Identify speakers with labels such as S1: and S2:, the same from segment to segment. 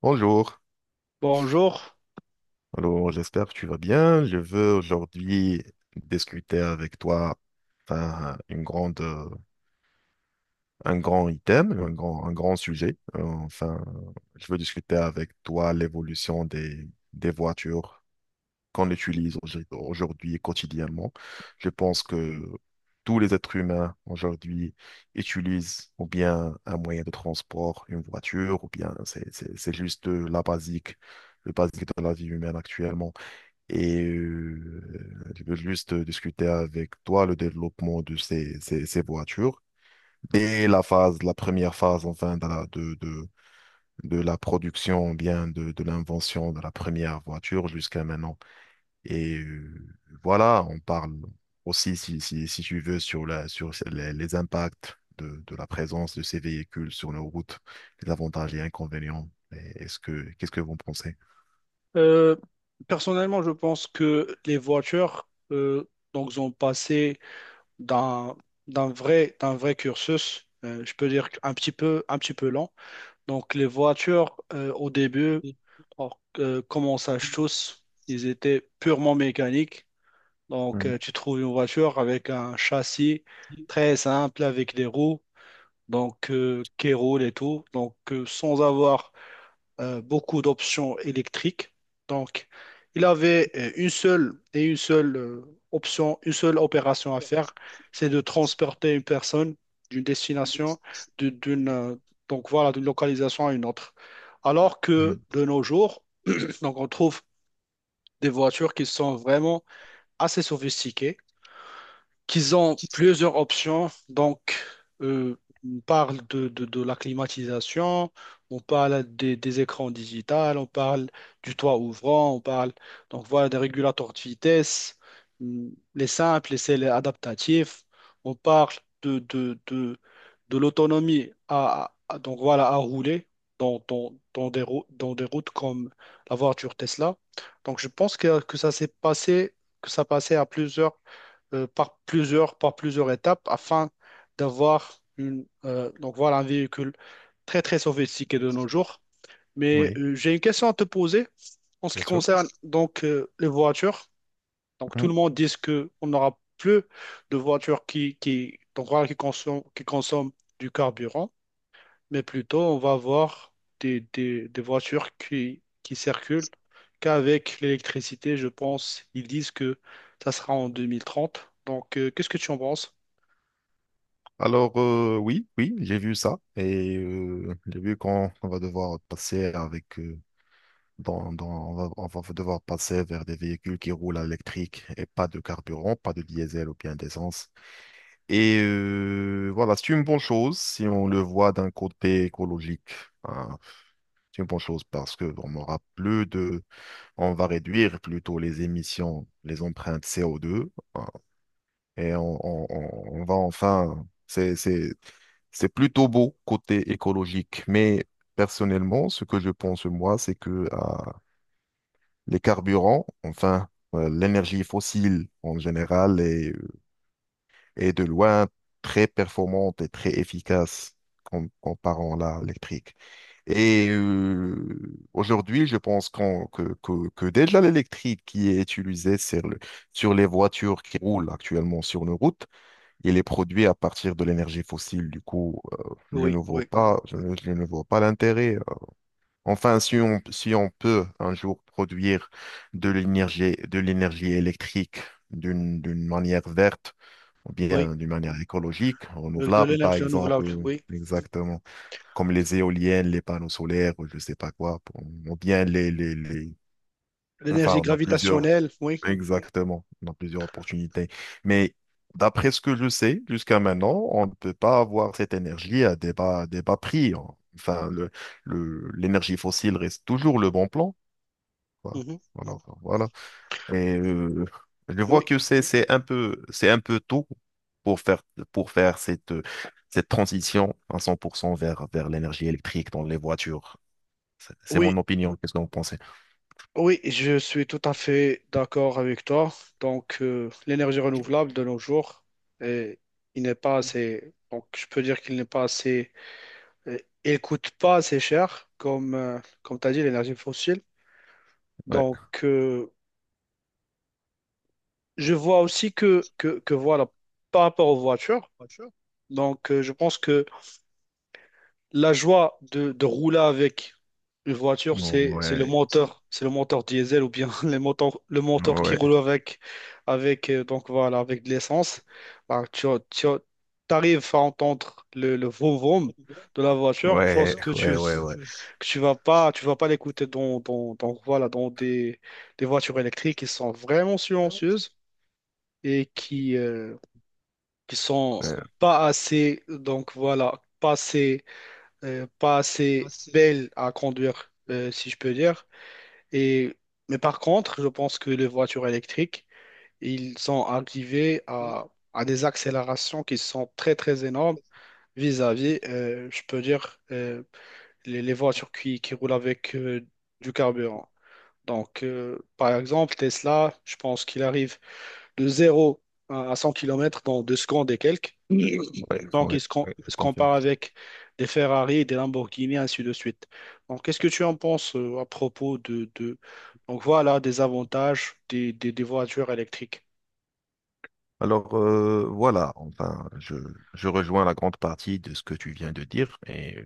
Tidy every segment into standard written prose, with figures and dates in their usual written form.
S1: Bonjour,
S2: Bonjour.
S1: alors j'espère que tu vas bien. Je veux aujourd'hui discuter avec toi une grande, un grand item, un grand sujet. Je veux discuter avec toi l'évolution des voitures qu'on utilise aujourd'hui quotidiennement. Je pense que tous les êtres humains aujourd'hui utilisent ou bien un moyen de transport, une voiture, ou bien c'est juste la basique, le basique de la vie humaine actuellement. Je veux juste discuter avec toi le développement de ces voitures. Dès la première phase, de la production, bien de l'invention de la première voiture jusqu'à maintenant. Et euh, voilà, on parle aussi, si tu veux, sur sur les impacts de la présence de ces véhicules sur nos routes, les avantages et inconvénients. Qu'est-ce que vous en pensez?
S2: Euh, personnellement, je pense que les voitures donc ont passé d'un d'un vrai cursus. Je peux dire un petit peu lent. Donc les voitures au début, or, comme on sache tous, ils étaient purement mécaniques. Donc
S1: Mhm.
S2: tu trouves une voiture avec un châssis très simple avec des roues donc qui roulent et tout. Donc sans avoir beaucoup d'options électriques. Donc, il avait une seule et une seule option, une seule opération à faire, c'est de transporter une personne d'une destination, de- d'une, euh, donc voilà, d'une localisation à une autre. Alors que
S1: Mhm.
S2: de nos jours, donc on trouve des voitures qui sont vraiment assez sophistiquées qu'ils ont plusieurs options. Donc, euh, on parle de la climatisation, on parle des écrans digitales, on parle du toit ouvrant, on parle donc voilà des régulateurs de vitesse, les simples, les celles adaptatifs. On parle de, de, de, de l'autonomie donc voilà à rouler dans dans des routes comme la voiture Tesla. Donc, je pense que ça s'est passé, que ça passait à plusieurs par plusieurs, par plusieurs étapes afin d'avoir donc voilà, un véhicule très, très sophistiqué de nos jours. Mais
S1: Oui,
S2: j'ai une question à te poser en ce
S1: bien
S2: qui
S1: sûr.
S2: concerne donc les voitures. Donc tout le monde dit que on n'aura plus de voitures donc, voilà, qui consomment du carburant, mais plutôt on va avoir des voitures qui circulent qu'avec l'électricité, je pense. Ils disent que ça sera en 2030. Donc, qu'est-ce que tu en penses?
S1: Alors, oui, j'ai vu ça et j'ai vu qu'on on va devoir passer avec, on va devoir passer vers des véhicules qui roulent à l'électrique et pas de carburant, pas de diesel ou bien d'essence. Voilà, c'est une bonne chose si on le voit d'un côté écologique, hein. C'est une bonne chose parce que on aura plus de, on va réduire plutôt les émissions, les empreintes CO2 et on va enfin. C'est plutôt beau côté écologique, mais personnellement, ce que je pense moi, c'est que les carburants, l'énergie fossile en général, est, est de loin très performante et très efficace comparant à l'électrique. Et aujourd'hui, je pense que déjà l'électrique qui est utilisée sur les voitures qui roulent actuellement sur nos routes, il est produit à partir de l'énergie fossile. Du coup, je ne
S2: Oui,
S1: vois
S2: oui,
S1: pas, je ne vois pas l'intérêt. Enfin, si on peut un jour produire de l'énergie électrique d'une manière verte, ou
S2: oui.
S1: bien d'une manière écologique,
S2: Avec de
S1: renouvelable, par
S2: l'énergie
S1: exemple,
S2: renouvelable, oui.
S1: exactement, comme les éoliennes, les panneaux solaires, ou je sais pas quoi, pour- ou bien les- Enfin,
S2: L'énergie
S1: on a plusieurs.
S2: gravitationnelle, oui.
S1: Exactement, on a plusieurs opportunités. Mais d'après ce que je sais, jusqu'à maintenant, on ne peut pas avoir cette énergie à des des bas prix, hein. Enfin, l'énergie fossile reste toujours le bon plan, quoi.
S2: Mhm.
S1: Voilà, enfin, voilà. Et je vois
S2: Oui,
S1: que c'est un peu tôt pour faire, pour faire cette, cette transition à 100% vers, vers l'énergie électrique dans les voitures. C'est
S2: oui,
S1: mon opinion. Qu'est-ce que vous pensez?
S2: oui, je suis tout à fait d'accord avec toi. Donc, l'énergie renouvelable de nos jours, euh, il n'est pas assez. Donc, je peux dire qu'il n'est pas assez. euh, il coûte pas assez cher, comme, comme tu as dit, l'énergie fossile.
S1: Ouais.
S2: Donc, je vois aussi que voilà, par rapport aux voitures, donc je pense que la joie de rouler avec une voiture,
S1: Ouais.
S2: c'est le moteur diesel ou bien les moteurs, le moteur qui
S1: Ouais.
S2: roule donc voilà, avec de l'essence. Bah, tu arrives à entendre le vroom vroom de la voiture, chose
S1: Ouais,
S2: que tu
S1: ouais, ouais, ouais.
S2: que tu vas pas l'écouter voilà des voitures électriques qui sont vraiment silencieuses et qui sont pas assez, donc voilà, pas assez, pas assez belles à conduire, si je peux dire. Et, mais par contre, je pense que les voitures électriques, ils sont arrivés à des accélérations qui sont très, très énormes vis-à-vis, je peux dire, les voitures qui roulent avec du carburant. Donc, par exemple, Tesla, je pense qu'il arrive de zéro à 100 km dans 2 secondes et quelques.
S1: Ouais, que je ouais, pense.
S2: Donc,
S1: Ouais, ouais, je
S2: il se
S1: confirme.
S2: compare avec des Ferrari, des Lamborghini, ainsi de suite. Donc, qu'est-ce que tu en penses à propos donc, voilà, des avantages des voitures électriques.
S1: Alors, voilà, je rejoins la grande partie de ce que tu viens de dire. Et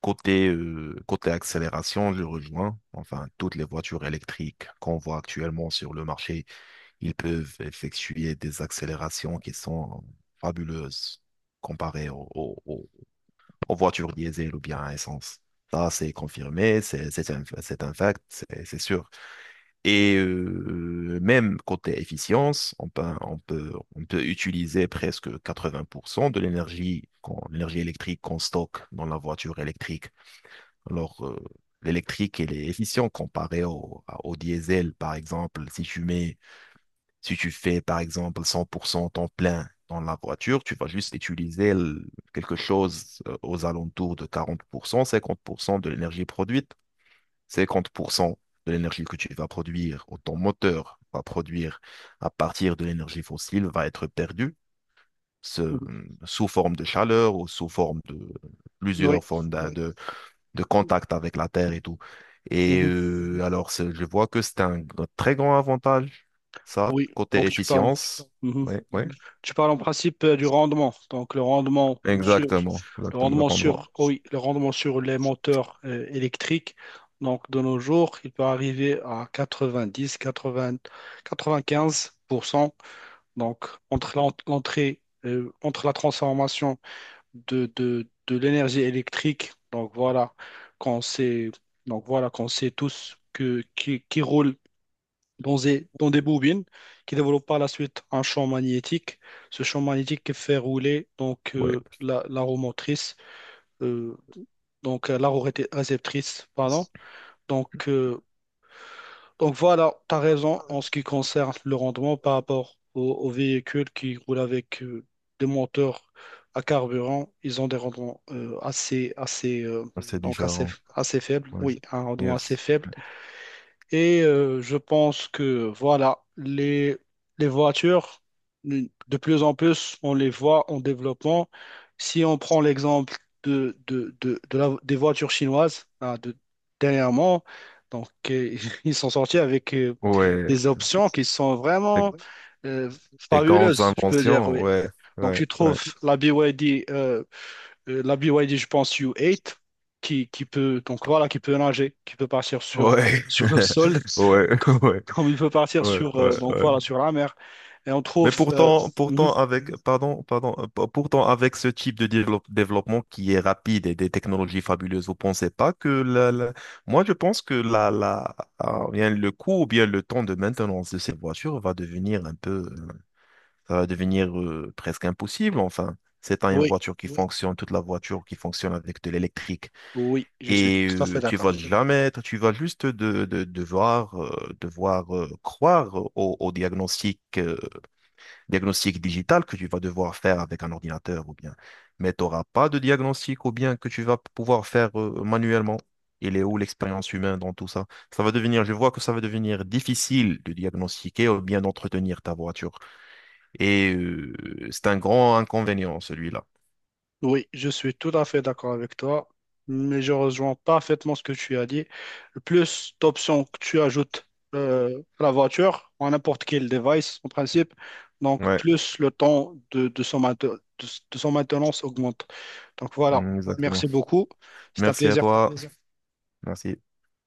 S1: côté, côté accélération, je rejoins. Enfin, toutes les voitures électriques qu'on voit actuellement sur le marché, ils peuvent effectuer des accélérations qui sont fabuleuses comparées aux voitures diesel ou bien à essence. Ça, c'est confirmé, c'est un fact, c'est sûr. Et même côté efficience, on peut utiliser presque 80% de l'énergie, l'énergie électrique qu'on stocke dans la voiture électrique. Alors, l'électrique, elle est efficiente comparée au diesel, par exemple. Si tu fais, par exemple, 100% temps plein dans la voiture, tu vas juste utiliser quelque chose aux alentours de 40%, 50% de l'énergie produite. 50% de l'énergie que tu vas produire, ou ton moteur va produire à partir de l'énergie fossile, va être perdue ce-
S2: Mhm.
S1: sous forme de chaleur ou sous forme de
S2: Oui.
S1: plusieurs formes de contact avec la Terre et tout. Et
S2: Mhm.
S1: alors, je vois que c'est un très grand avantage, ça,
S2: Oui,
S1: côté
S2: donc tu parles.
S1: efficience.
S2: Mhm.
S1: Oui, oui,
S2: Tu parles en principe du rendement. Donc,
S1: exactement, exactement, le rendement.
S2: oh oui, le rendement sur les moteurs électriques. Donc, de nos jours, il peut arriver à 90, 80, 95%. Donc, entre l'entrée, entre la transformation de l'énergie électrique. Donc, voilà, quand c'est, donc, voilà, qu'on sait tous que, qui roule dans des bobines qui développent par la suite un champ magnétique. Ce champ magnétique qui fait rouler donc
S1: Oui,
S2: la roue motrice, euh, donc la réceptrice, pardon. Donc, euh, donc voilà, tu as raison en ce qui concerne le rendement par rapport aux, aux véhicules qui roulent avec des moteurs à carburant. Ils ont des rendements
S1: c'est
S2: donc assez,
S1: différent.
S2: assez faibles.
S1: Ouais.
S2: Oui, un rendement assez
S1: Yes.
S2: faible. Et je pense que voilà, les voitures, de plus en plus, on les voit en développement. Si on prend l'exemple de des voitures chinoises hein, de, dernièrement, donc ils sont sortis avec
S1: Ouais.
S2: des options qui sont
S1: c'est
S2: vraiment euh,
S1: Des grandes
S2: fabuleuses, je peux dire,
S1: inventions,
S2: oui.
S1: ouais,
S2: Donc,
S1: ouais,
S2: tu
S1: ouais.
S2: trouves la BYD, la BYD, je pense, U8, qui peut, donc voilà, qui peut nager, qui peut partir sur,
S1: Ouais,
S2: sur le sol.
S1: ouais, ouais,
S2: Comme il peut partir
S1: ouais,
S2: sur,
S1: ouais,
S2: donc
S1: ouais.
S2: voilà, sur la mer. Et on
S1: Mais
S2: trouve.
S1: pourtant,
S2: Mhm.
S1: pardon, pardon, pourtant avec ce type de développement qui est rapide et des technologies fabuleuses, vous pensez pas que moi je pense que bien le coût ou bien le temps de maintenance de ces voitures va devenir un peu, ça va devenir presque impossible. Enfin, c'est pas une
S2: Oui,
S1: voiture qui fonctionne, toute la voiture qui fonctionne avec de l'électrique.
S2: oui, je suis
S1: Et
S2: tout à fait
S1: tu vas
S2: d'accord.
S1: jamais, tu vas juste devoir, devoir croire au diagnostic, diagnostic digital que tu vas devoir faire avec un ordinateur ou bien. Mais tu n'auras pas de diagnostic ou bien que tu vas pouvoir faire manuellement. Il est où l'expérience humaine dans tout ça? Ça va devenir, je vois que ça va devenir difficile de diagnostiquer ou bien d'entretenir ta voiture. Et c'est un grand inconvénient, celui-là.
S2: Oui, je suis tout à fait d'accord avec toi, mais je rejoins parfaitement ce que tu as dit. Plus d'options que tu ajoutes à la voiture, à n'importe quel device en principe, donc
S1: Ouais,
S2: plus le temps de son maintenance augmente. Donc voilà,
S1: mm, exactement.
S2: merci beaucoup, c'est un
S1: Merci à
S2: plaisir.
S1: toi. Merci.